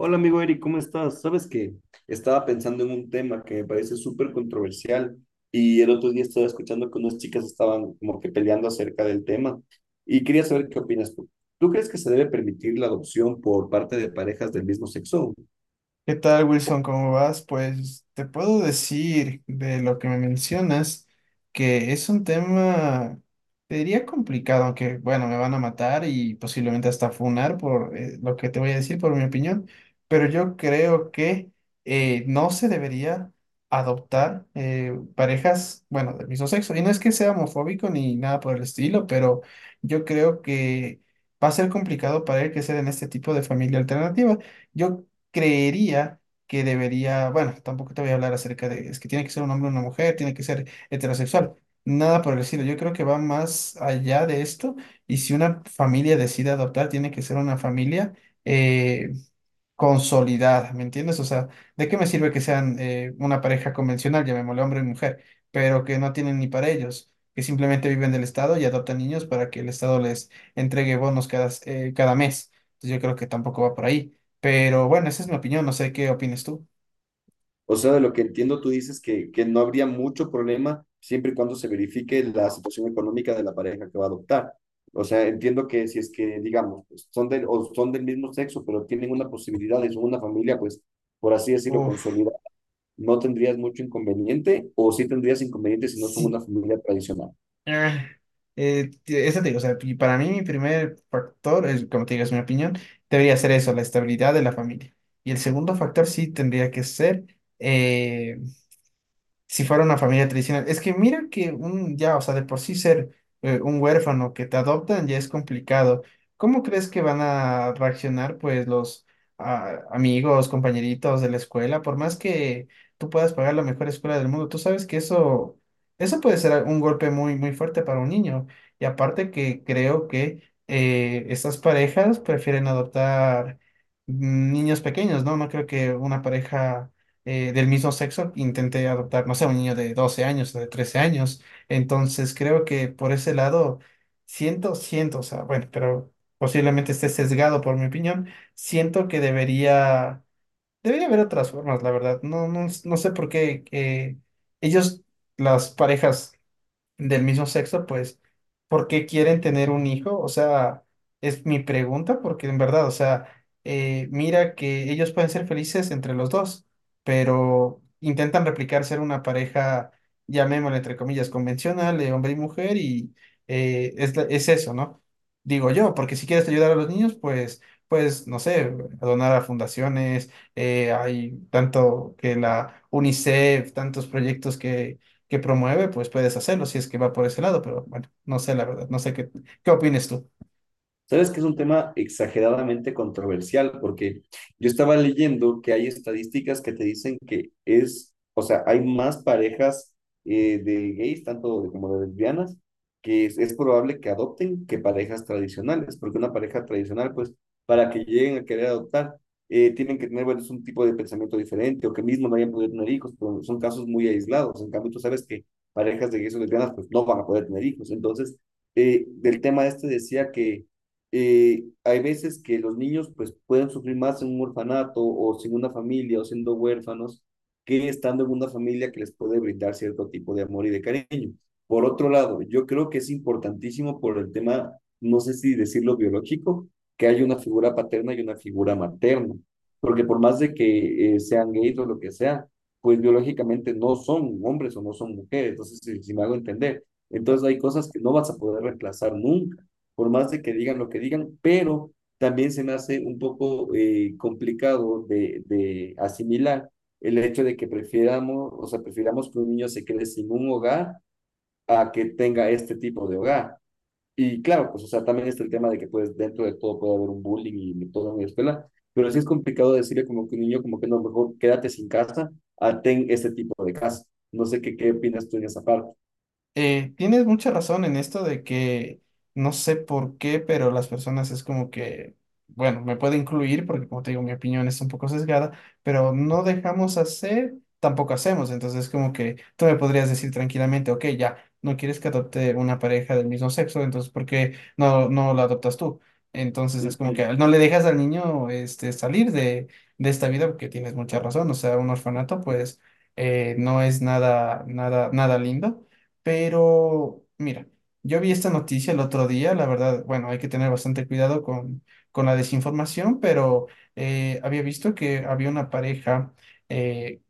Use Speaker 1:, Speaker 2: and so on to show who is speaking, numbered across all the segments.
Speaker 1: Hola amigo Eric, ¿cómo estás? Sabes que estaba pensando en un tema que me parece súper controversial y el otro día estaba escuchando que unas chicas estaban como que peleando acerca del tema y quería saber qué opinas tú. ¿Tú crees que se debe permitir la adopción por parte de parejas del mismo sexo?
Speaker 2: ¿Qué tal, Wilson? ¿Cómo vas? Pues te puedo decir de lo que me mencionas que es un tema, te diría complicado, aunque bueno, me van a matar y posiblemente hasta funar por lo que te voy a decir, por mi opinión, pero yo creo que no se debería adoptar parejas, bueno, del mismo sexo. Y no es que sea homofóbico ni nada por el estilo, pero yo creo que va a ser complicado para él crecer en este tipo de familia alternativa. Yo creería que debería, bueno, tampoco te voy a hablar acerca de, es que tiene que ser un hombre o una mujer, tiene que ser heterosexual, nada por el estilo. Yo creo que va más allá de esto y si una familia decide adoptar, tiene que ser una familia. eh, Consolidada, ¿me entiendes? O sea, ¿de qué me sirve que sean una pareja convencional, llamémosle hombre y mujer, pero que no tienen ni para ellos, que simplemente viven del Estado y adoptan niños para que el Estado les entregue bonos cada, cada mes? Entonces yo creo que tampoco va por ahí. Pero bueno, esa es mi opinión, no sé qué opinas tú.
Speaker 1: O sea, de lo que entiendo, tú dices que no habría mucho problema siempre y cuando se verifique la situación económica de la pareja que va a adoptar. O sea, entiendo que si es que, digamos, pues, son del, o son del mismo sexo, pero tienen una posibilidad de una familia, pues, por así decirlo,
Speaker 2: Uf,
Speaker 1: consolidada, ¿no tendrías mucho inconveniente o sí tendrías inconveniente si no son
Speaker 2: sí.
Speaker 1: una familia tradicional?
Speaker 2: ah, Eso te digo, o sea, y para mí mi primer factor, es, como te digo, es mi opinión, debería ser eso, la estabilidad de la familia. Y el segundo factor sí tendría que ser... eh, si fuera una familia tradicional. Es que mira que un, ya, o sea, de por sí ser un huérfano que te adoptan ya es complicado. ¿Cómo crees que van a reaccionar, pues, los amigos, compañeritos de la escuela? Por más que tú puedas pagar la mejor escuela del mundo, tú sabes que eso puede ser un golpe muy, muy fuerte para un niño. Y aparte que creo que estas parejas prefieren adoptar niños pequeños, ¿no? No creo que una pareja del mismo sexo, intenté adoptar, no sé, un niño de 12 años o de 13 años. Entonces creo que por ese lado, siento, o sea, bueno, pero posiblemente esté sesgado por mi opinión, siento que debería haber otras formas, la verdad. No sé por qué ellos, las parejas del mismo sexo, pues, ¿por qué quieren tener un hijo? O sea, es mi pregunta, porque en verdad, o sea, mira que ellos pueden ser felices entre los dos, pero intentan replicar ser una pareja, llamémosla entre comillas, convencional, de hombre y mujer, y es eso, ¿no? Digo yo, porque si quieres ayudar a los niños, pues, no sé, donar a fundaciones, hay tanto que la UNICEF, tantos proyectos que promueve, pues puedes hacerlo si es que va por ese lado, pero bueno, no sé la verdad, no sé qué opines tú.
Speaker 1: Sabes que es un tema exageradamente controversial porque yo estaba leyendo que hay estadísticas que te dicen que es, o sea, hay más parejas de gays, tanto de- como de lesbianas, que es probable que adopten que parejas tradicionales, porque una pareja tradicional, pues, para que lleguen a querer adoptar, tienen que tener, bueno, es un tipo de pensamiento diferente o que mismo no hayan podido tener hijos, pero son casos muy aislados. En cambio, tú sabes que parejas de gays o lesbianas, pues, no van a poder tener hijos. Entonces, del tema este decía que hay veces que los niños pues pueden sufrir más en un orfanato o sin una familia o siendo huérfanos que estando en una familia que les puede brindar cierto tipo de amor y de cariño. Por otro lado, yo creo que es importantísimo por el tema, no sé si decirlo biológico, que hay una figura paterna y una figura materna, porque por más de que sean gays o lo que sea, pues biológicamente no son hombres o no son mujeres, entonces si, si me hago entender, entonces hay cosas que no vas a poder reemplazar nunca por más de que digan lo que digan, pero también se me hace un poco complicado de asimilar el hecho de que prefiramos, o sea, prefiramos que un niño se quede sin un hogar a que tenga este tipo de hogar. Y claro, pues, o sea, también está el tema de que, pues, dentro de todo puede haber un bullying y todo en la escuela, pero sí es complicado decirle como que un niño, como que no, mejor quédate sin casa a ten este tipo de casa. No sé qué, qué opinas tú en esa parte.
Speaker 2: Tienes mucha razón en esto de que no sé por qué, pero las personas es como que, bueno, me puede incluir porque como te digo, mi opinión es un poco sesgada, pero no dejamos hacer, tampoco hacemos. Entonces como que tú me podrías decir tranquilamente, ok, ya, no quieres que adopte una pareja del mismo sexo, entonces ¿por qué no la adoptas tú? Entonces es como que no le dejas al niño este, salir de esta vida porque tienes mucha razón. O sea, un orfanato pues no es nada, nada, nada lindo pero, mira, yo vi esta noticia el otro día, la verdad, bueno, hay que tener bastante cuidado con la desinformación, pero había visto que había una pareja eh,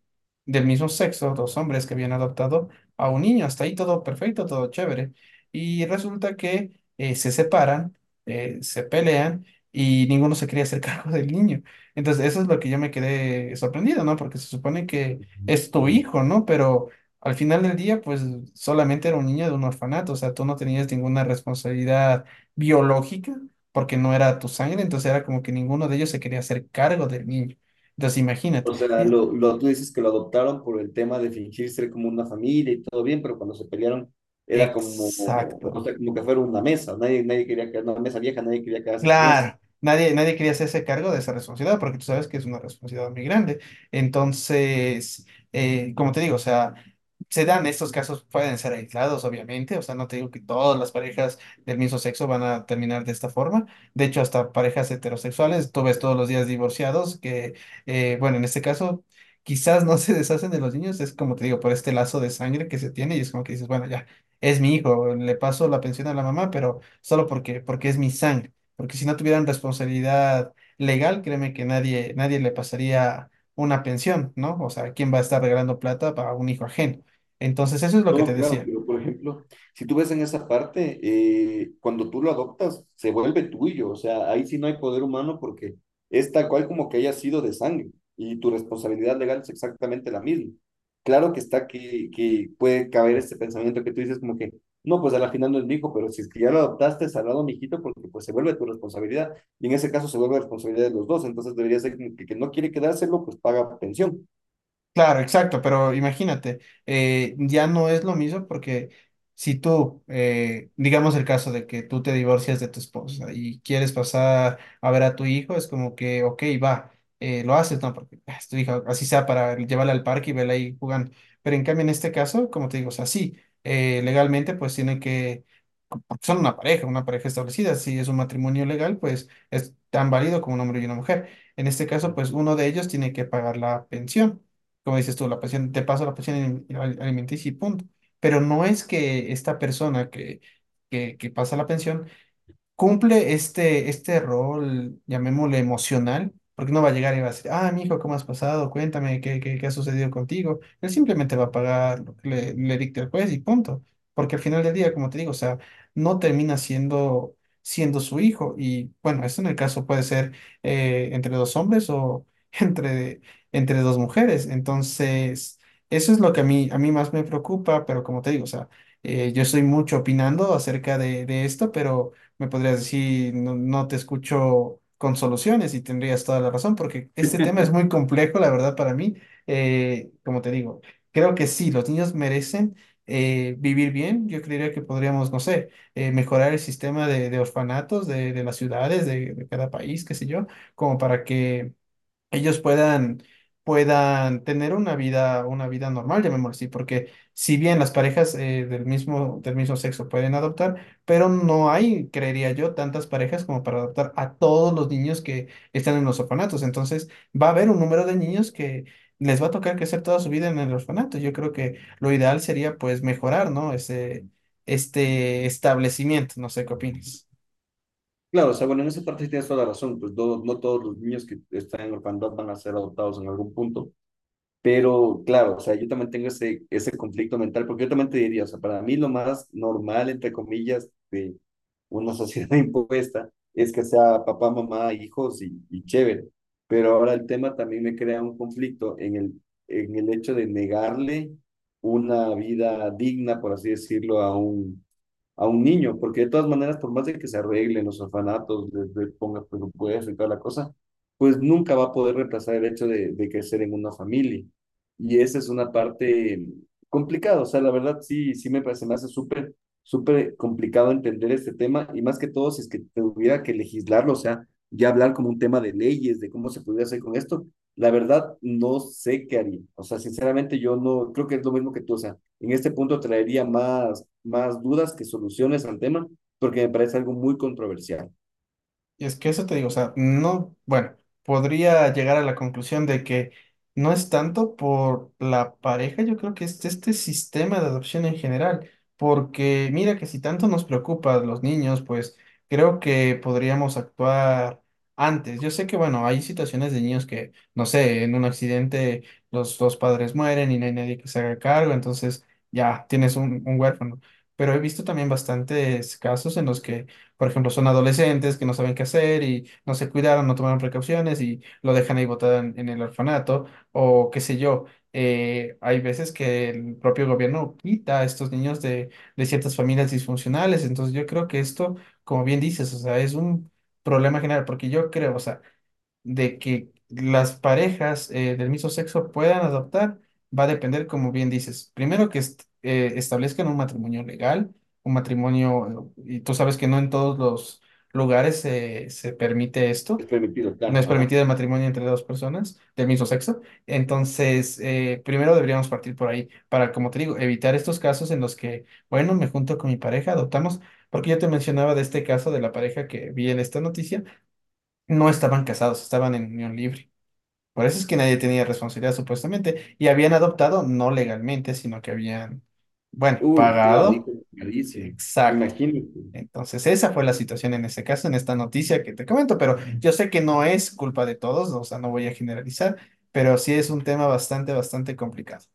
Speaker 2: del mismo sexo, dos hombres que habían adoptado a un niño. Hasta ahí todo perfecto, todo chévere. Y resulta que se separan, se pelean y ninguno se quería hacer cargo del niño. Entonces, eso es lo que yo me quedé sorprendido, ¿no? Porque se supone que es tu hijo, ¿no? Pero al final del día, pues solamente era un niño de un orfanato, o sea, tú no tenías ninguna responsabilidad biológica. Porque no era tu sangre, entonces era como que ninguno de ellos se quería hacer cargo del niño. Entonces, imagínate.
Speaker 1: O sea,
Speaker 2: Y
Speaker 1: lo, tú dices que lo adoptaron por el tema de fingir ser como una familia y todo bien, pero cuando se pelearon era como, o
Speaker 2: exacto.
Speaker 1: sea, como que fuera una mesa, nadie, nadie quería quedar, una mesa vieja, nadie quería quedarse con eso.
Speaker 2: Claro, nadie, nadie quería hacerse cargo de esa responsabilidad porque tú sabes que es una responsabilidad muy grande. Entonces, como te digo, o sea, se dan estos casos, pueden ser aislados, obviamente, o sea, no te digo que todas las parejas del mismo sexo van a terminar de esta forma. De hecho, hasta parejas heterosexuales, tú ves todos los días divorciados que bueno, en este caso, quizás no se deshacen de los niños, es como te digo, por este lazo de sangre que se tiene y es como que dices, bueno, ya, es mi hijo, le paso la pensión a la mamá, pero solo porque es mi sangre porque si no tuvieran responsabilidad legal, créeme que nadie, nadie le pasaría una pensión, ¿no? O sea, ¿quién va a estar regalando plata para un hijo ajeno? Entonces, eso es lo que
Speaker 1: No,
Speaker 2: te
Speaker 1: claro,
Speaker 2: decía.
Speaker 1: pero por ejemplo, si tú ves en esa parte, cuando tú lo adoptas, se vuelve tuyo, o sea, ahí sí no hay poder humano porque es tal cual como que haya sido de sangre y tu responsabilidad legal es exactamente la misma. Claro que está que puede caber este pensamiento que tú dices como que, no, pues al final no es mi hijo, pero si es que ya lo adoptaste, salado mi hijito, porque pues se vuelve tu responsabilidad y en ese caso se vuelve responsabilidad de los dos, entonces debería ser como que, el que no quiere quedárselo, pues paga pensión.
Speaker 2: Claro, exacto, pero imagínate, ya no es lo mismo porque si tú digamos el caso de que tú te divorcias de tu esposa y quieres pasar a ver a tu hijo, es como que, ok, va, lo haces, ¿no? Porque ah, es tu hija, así sea para llevarla al parque y verla ahí jugando. Pero en cambio, en este caso, como te digo, o sea, sí, legalmente pues tiene que porque son una pareja establecida. Si es un matrimonio legal, pues es tan válido como un hombre y una mujer. En este caso,
Speaker 1: ¿No?
Speaker 2: pues uno de ellos tiene que pagar la pensión. Como dices tú, la pensión, te paso la pensión alimenticia y punto. Pero no es que esta persona que pasa la pensión cumple este rol, llamémosle emocional, porque no va a llegar y va a decir, ah, mi hijo, ¿cómo has pasado? Cuéntame, ¿ qué ha sucedido contigo? Él simplemente va a pagar lo que le dicte el juez y punto. Porque al final del día, como te digo, o sea, no termina siendo su hijo. Y bueno, esto en el caso puede ser entre dos hombres o entre, entre dos mujeres. Entonces, eso es lo que a a mí más me preocupa, pero como te digo, o sea, yo estoy mucho opinando acerca de esto, pero me podrías decir, no, no te escucho con soluciones y tendrías toda la razón, porque este tema es muy complejo, la verdad, para mí. Como te digo, creo que sí, los niños merecen vivir bien. Yo creería que podríamos, no sé, mejorar el sistema de orfanatos de las ciudades, de cada país, qué sé yo, como para que ellos puedan, puedan tener una vida normal, llamémoslo así, porque si bien las parejas del mismo sexo pueden adoptar, pero no hay, creería yo, tantas parejas como para adoptar a todos los niños que están en los orfanatos. Entonces, va a haber un número de niños que les va a tocar crecer toda su vida en el orfanato. Yo creo que lo ideal sería pues mejorar, ¿no? Ese, este establecimiento, no sé qué opinas.
Speaker 1: Claro, o sea, bueno, en esa parte sí tienes toda la razón, pues no, no todos los niños que están en orfandad van a ser adoptados en algún punto, pero claro, o sea, yo también tengo ese, ese conflicto mental, porque yo también te diría, o sea, para mí lo más normal, entre comillas, de una sociedad impuesta es que sea papá, mamá, hijos y chévere, pero ahora el tema también me crea un conflicto en el hecho de negarle una vida digna, por así decirlo, a un niño, porque de todas maneras, por más de que se arreglen los orfanatos, les ponga presupuesto y toda la cosa, pues nunca va a poder reemplazar el hecho de crecer en una familia. Y esa es una parte complicada, o sea, la verdad sí, sí me parece, me hace súper, súper complicado entender este tema y más que todo si es que tuviera que legislarlo, o sea, ya hablar como un tema de leyes, de cómo se podría hacer con esto, la verdad no sé qué haría, o sea, sinceramente yo no, creo que es lo mismo que tú, o sea, en este punto traería más, más dudas que soluciones al tema, porque me parece algo muy controversial.
Speaker 2: Y es que eso te digo, o sea, no, bueno, podría llegar a la conclusión de que no es tanto por la pareja, yo creo que es este sistema de adopción en general, porque mira que si tanto nos preocupa a los niños, pues creo que podríamos actuar antes. Yo sé que, bueno, hay situaciones de niños que, no sé, en un accidente los dos padres mueren y no hay nadie que se haga cargo, entonces ya tienes un huérfano, pero he visto también bastantes casos en los que por ejemplo, son adolescentes que no saben qué hacer y no se cuidaron, no tomaron precauciones y lo dejan ahí botado en el orfanato o qué sé yo. Hay veces que el propio gobierno quita a estos niños de ciertas familias disfuncionales. Entonces yo creo que esto, como bien dices, o sea, es un problema general porque yo creo, o sea, de que las parejas del mismo sexo puedan adoptar va a depender, como bien dices, primero que establezcan un matrimonio legal, un matrimonio, y tú sabes que no en todos los lugares se permite esto,
Speaker 1: Es permitido,
Speaker 2: no es
Speaker 1: claro. Ajá.
Speaker 2: permitido el matrimonio entre dos personas del mismo sexo, entonces primero deberíamos partir por ahí para, como te digo, evitar estos casos en los que, bueno, me junto con mi pareja, adoptamos, porque yo te mencionaba de este caso de la pareja que vi en esta noticia, no estaban casados, estaban en unión libre. Por eso es que nadie tenía responsabilidad supuestamente. Y habían adoptado no legalmente, sino que habían, bueno,
Speaker 1: Uy, claro, hijo,
Speaker 2: pagado.
Speaker 1: carísimo.
Speaker 2: Exacto.
Speaker 1: Imagínate,
Speaker 2: Entonces, esa fue la situación en este caso, en esta noticia que te comento, pero yo sé que no es culpa de todos, o sea, no voy a generalizar, pero sí es un tema bastante, bastante complicado.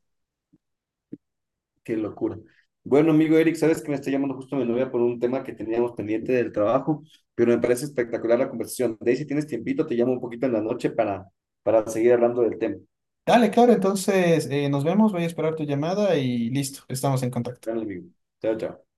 Speaker 1: qué locura. Bueno, amigo Eric, sabes que me está llamando justo mi novia por un tema que teníamos pendiente del trabajo, pero me parece espectacular la conversación. De ahí, si tienes tiempito, te llamo un poquito en la noche para seguir hablando del tema.
Speaker 2: Dale, claro, entonces nos vemos, voy a esperar tu llamada y listo, estamos en contacto.
Speaker 1: Dale, amigo. Chao, chao.